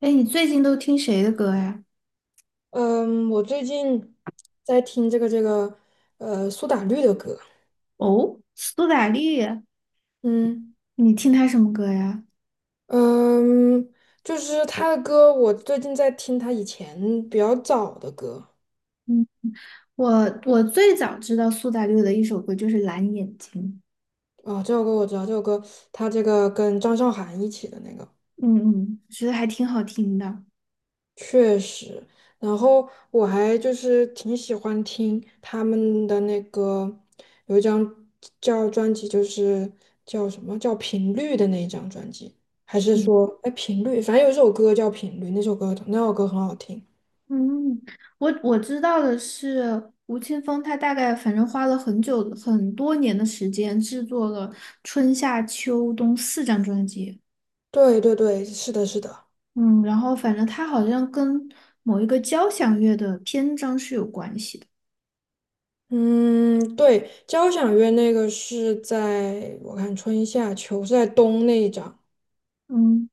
哎，你最近都听谁的歌呀？嗯，我最近在听这个苏打绿的歌。哦，苏打绿，嗯你听他什么歌呀？嗯，就是他的歌，我最近在听他以前比较早的歌。嗯，我最早知道苏打绿的一首歌就是《蓝眼睛》，啊，这首歌我知道，这首歌他这个跟张韶涵一起的那个。嗯嗯，觉得还挺好听的。确实。然后我还就是挺喜欢听他们的那个，有一张叫专辑，就是叫什么叫频率的那一张专辑，还是嗯说哎频率，反正有一首歌叫频率，那首歌很好听。嗯，我知道的是，吴青峰他大概反正花了很久很多年的时间制作了春夏秋冬四张专辑。对对对，是的，是的。嗯，然后反正他好像跟某一个交响乐的篇章是有关系的。嗯，对，交响乐那个是在我看春夏秋是在冬那一张。嗯。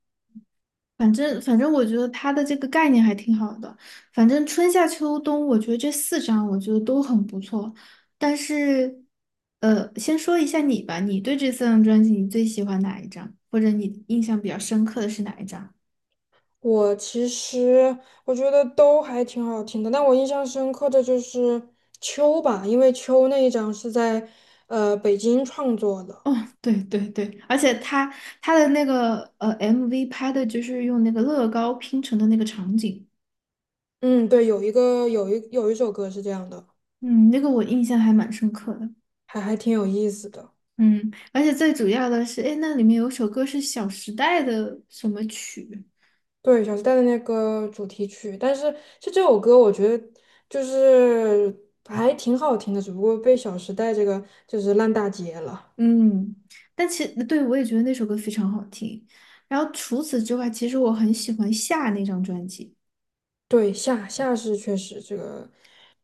反正，我觉得它的这个概念还挺好的。反正春夏秋冬，我觉得这四张我觉得都很不错。但是，先说一下你吧，你对这四张专辑你最喜欢哪一张，或者你印象比较深刻的是哪一张？我其实我觉得都还挺好听的，但我印象深刻的就是《秋》吧，因为《秋》那一张是在北京创作的。哦，对对对，而且他他的那个MV 拍的就是用那个乐高拼成的那个场景，嗯，对，有一个有一有一首歌是这样的，嗯，那个我印象还蛮深刻的。还挺有意思的。嗯，而且最主要的是，哎，那里面有首歌是《小时代》的什么曲？对，小时代的那个主题曲，但是就这首歌，我觉得就是还挺好听的，只不过被《小时代》这个就是烂大街了。嗯，但其对我也觉得那首歌非常好听。然后除此之外，其实我很喜欢夏那张专辑。对，夏是确实这个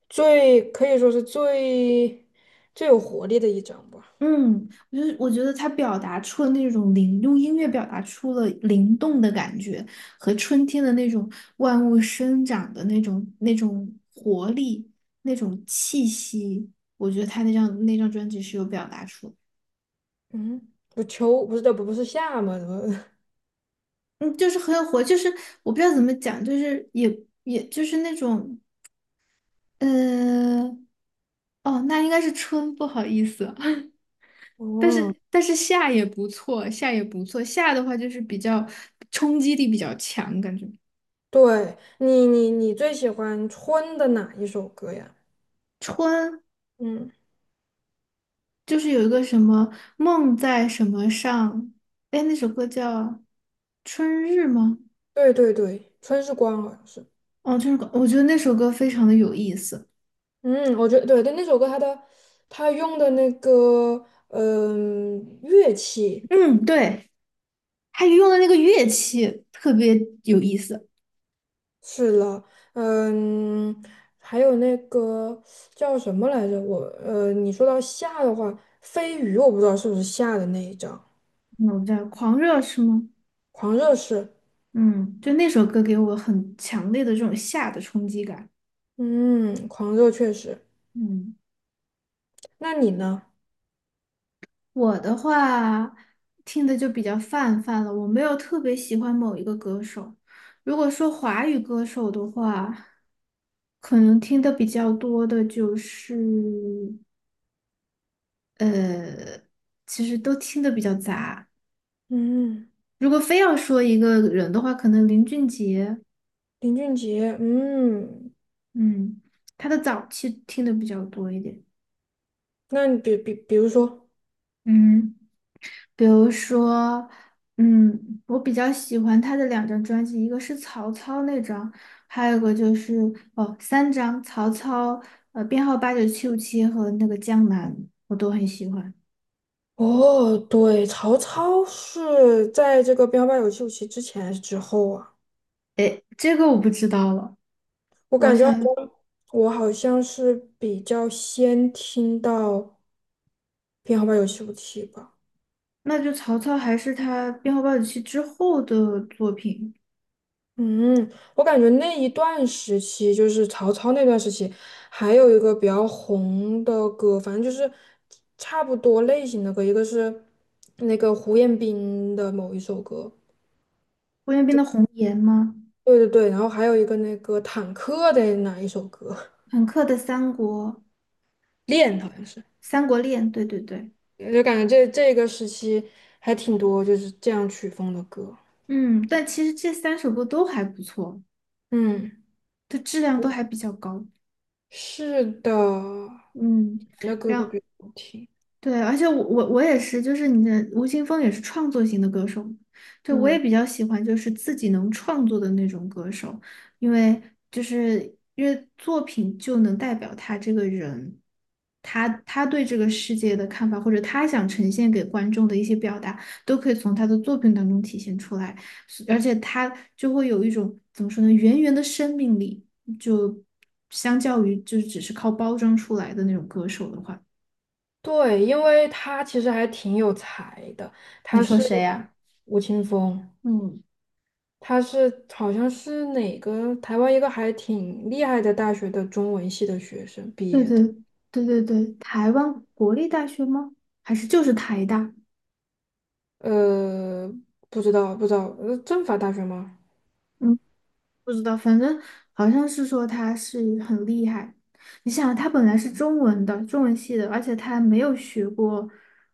最可以说是最有活力的一张吧。嗯，我就是我觉得他表达出了那种灵，用音乐表达出了灵动的感觉和春天的那种万物生长的那种活力、那种气息。我觉得他那张专辑是有表达出的嗯，不秋不是这不不是夏吗？怎么？嗯，就是很有活，就是我不知道怎么讲，就是也也就是那种。呃，哦，那应该是春，不好意思，但哦，是但是夏也不错，夏也不错，夏的话就是比较冲击力比较强，感觉对你最喜欢春的哪一首歌呀？春嗯，就是有一个什么梦在什么上，哎，那首歌叫《春日》吗？对对对，春是光好像是。哦，春日歌我觉得那首歌非常的有意思。嗯，我觉得对对，那首歌它的它用的那个嗯、乐器。嗯，对，他用的那个乐器特别有意思。是了。嗯，还有那个叫什么来着？我你说到夏的话，飞鱼我不知道是不是夏的那一张，嗯，我叫狂热是吗？狂热是。嗯，就那首歌给我很强烈的这种夏的冲击感。嗯，狂热确实。嗯。那你呢？我的话听的就比较泛泛了，我没有特别喜欢某一个歌手。如果说华语歌手的话，可能听的比较多的就是，呃，其实都听的比较杂。嗯，如果非要说一个人的话，可能林俊杰，林俊杰。嗯，嗯，他的早期听的比较多一点。那你比如说，嗯。比如说，嗯，我比较喜欢他的两张专辑，一个是曹操那张，还有一个就是哦，三张曹操，编号89757和那个江南，我都很喜欢。哦，对，曹操是在这个《编号八九七五七》之前还是之后啊？诶，这个我不知道了，我我感觉好想像我好像是比较先听到《编号八九七五七》吧。那就曹操还是他编号八九七之后的作品，嗯，我感觉那一段时期，就是曹操那段时期，还有一个比较红的歌，反正就是差不多类型的歌，一个是那个胡彦斌的某一首歌。胡彦斌的《红颜》吗？对对对，然后还有一个那个坦克的哪一首歌，朋克的《三国》《恋》好像是。《三国恋》，对对对，就感觉这个时期还挺多就是这样曲风的歌。嗯，但其实这三首歌都还不错，嗯，它质量都还比较高。是的，以嗯，前的歌都然比较好听。对，而且我也是，就是你的吴青峰也是创作型的歌手，对，我也嗯。比较喜欢就是自己能创作的那种歌手，因为就是因为作品就能代表他这个人，他他对这个世界的看法，或者他想呈现给观众的一些表达，都可以从他的作品当中体现出来，是而且他就会有一种怎么说呢，源源的生命力，就相较于就是只是靠包装出来的那种歌手的话，对，因为他其实还挺有才的，你他说是谁呀、吴青峰。嗯，他是好像是哪个台湾一个还挺厉害的大学的中文系的学生毕对业对的。对对对，台湾国立大学吗？还是就是台大？呃，不知道不知道。政法大学吗？嗯，不知道，反正好像是说他是很厉害。你想，他本来是中文的，中文系的，而且他没有学过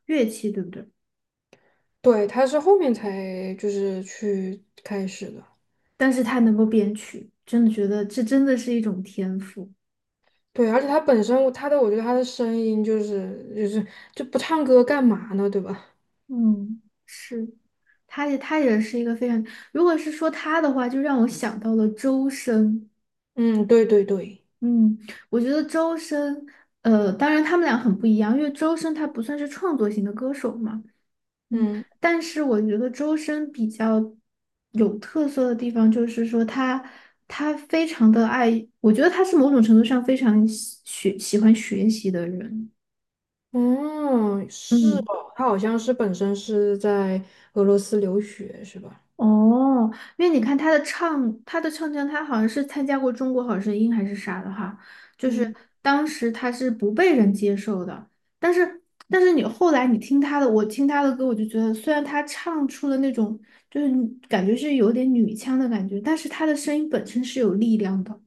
乐器，对不对？对，他是后面才就是去开始的。但是他能够编曲，真的觉得这真的是一种天赋。对，而且他本身他的我觉得他的声音就是就不唱歌干嘛呢，对吧？嗯，是，他也他也是一个非常，如果是说他的话，就让我想到了周深。嗯，对对对。嗯，我觉得周深，当然他们俩很不一样，因为周深他不算是创作型的歌手嘛，嗯，嗯。但是我觉得周深比较有特色的地方就是说他他非常的爱，我觉得他是某种程度上非常喜欢学习的人，嗯，是嗯。哦，他好像是本身是在俄罗斯留学，是吧？哦，因为你看他的唱，他的唱腔，他好像是参加过《中国好声音》还是啥的哈，就是嗯，当时他是不被人接受的，但是但是你后来你听他的，我听他的歌，我就觉得虽然他唱出了那种就是感觉是有点女腔的感觉，但是他的声音本身是有力量的。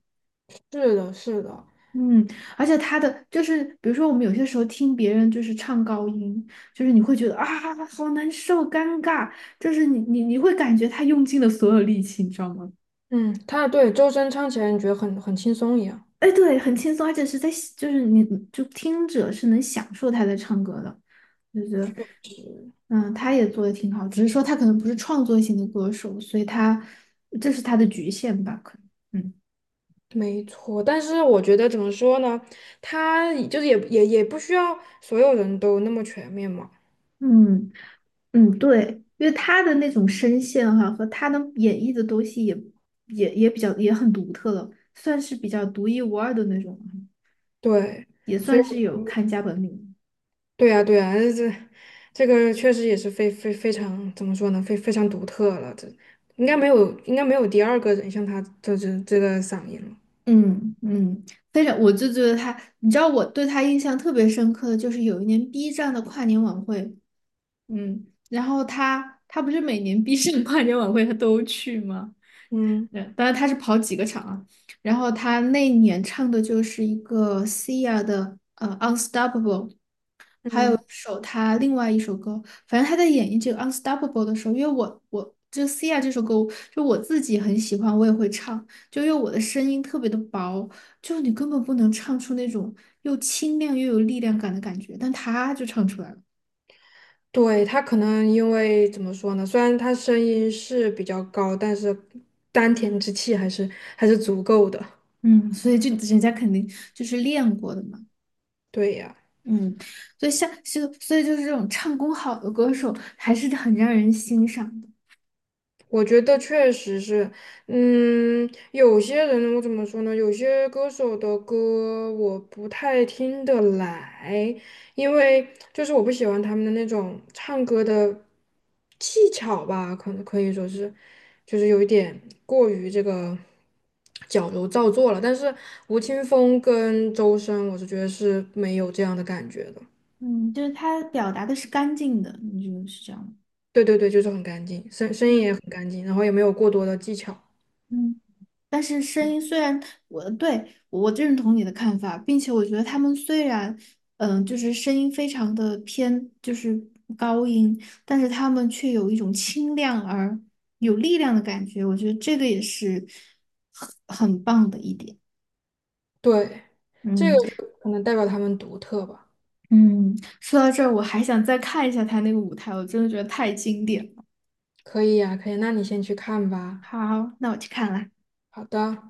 是的，是的。嗯，而且他的就是，比如说我们有些时候听别人就是唱高音，就是你会觉得啊，好难受，尴尬，就是你会感觉他用尽了所有力气，你知道吗？嗯，他对周深唱起来，你觉得很轻松一样，哎，对，很轻松，而且是在就是你就听者是能享受他在唱歌的，就觉得嗯，他也做的挺好，只是说他可能不是创作型的歌手，所以他这是他的局限吧，可能嗯没错。但是我觉得怎么说呢，他也就是也不需要所有人都那么全面嘛。嗯。嗯，对，因为他的那种声线哈、和他能演绎的东西也也比较也很独特了，算是比较独一无二的那种了对，也所以算是有我看家本领。对呀，对呀，这这个确实也是非常怎么说呢，非非常独特了，这应该没有应该没有第二个人像他这个嗓音了。嗯嗯，非常，我就觉得他，你知道我对他印象特别深刻的就是有一年 B 站的跨年晚会，嗯，然后他他不是每年 B 站跨年晚会他都去吗？对，嗯当然他是跑几个场啊。然后他那一年唱的就是一个 Sia 的《Unstoppable》，还有一嗯。首他另外一首歌，反正他在演绎这个《Unstoppable》的时候，因为我就 Sia 这首歌，就我自己很喜欢，我也会唱，就因为我的声音特别的薄，就你根本不能唱出那种又清亮又有力量感的感觉，但他就唱出来了，对，他可能因为怎么说呢？虽然他声音是比较高，但是丹田之气还是足够的。嗯，所以就人家肯定就是练过的嘛。对呀。嗯，所以像就所以就是这种唱功好的歌手，还是很让人欣赏的。我觉得确实是。嗯，有些人我怎么说呢？有些歌手的歌我不太听得来，因为就是我不喜欢他们的那种唱歌的技巧吧，可能可以说是，就是有一点过于这个矫揉造作了。但是吴青峰跟周深，我是觉得是没有这样的感觉的。嗯，就是他表达的是干净的，你觉得是这样吗？对对对，就是很干净，声声音嗯。也很干净，然后也没有过多的技巧。嗯。但是声音虽然我对我认同你的看法，并且我觉得他们虽然就是声音非常的偏就是高音，但是他们却有一种清亮而有力量的感觉，我觉得这个也是很很棒的一点。对。这个嗯就可能代表他们独特吧。嗯，说到这儿，我还想再看一下他那个舞台，我真的觉得太经典了。可以呀，可以，那你先去看吧。好，那我去看了。好的。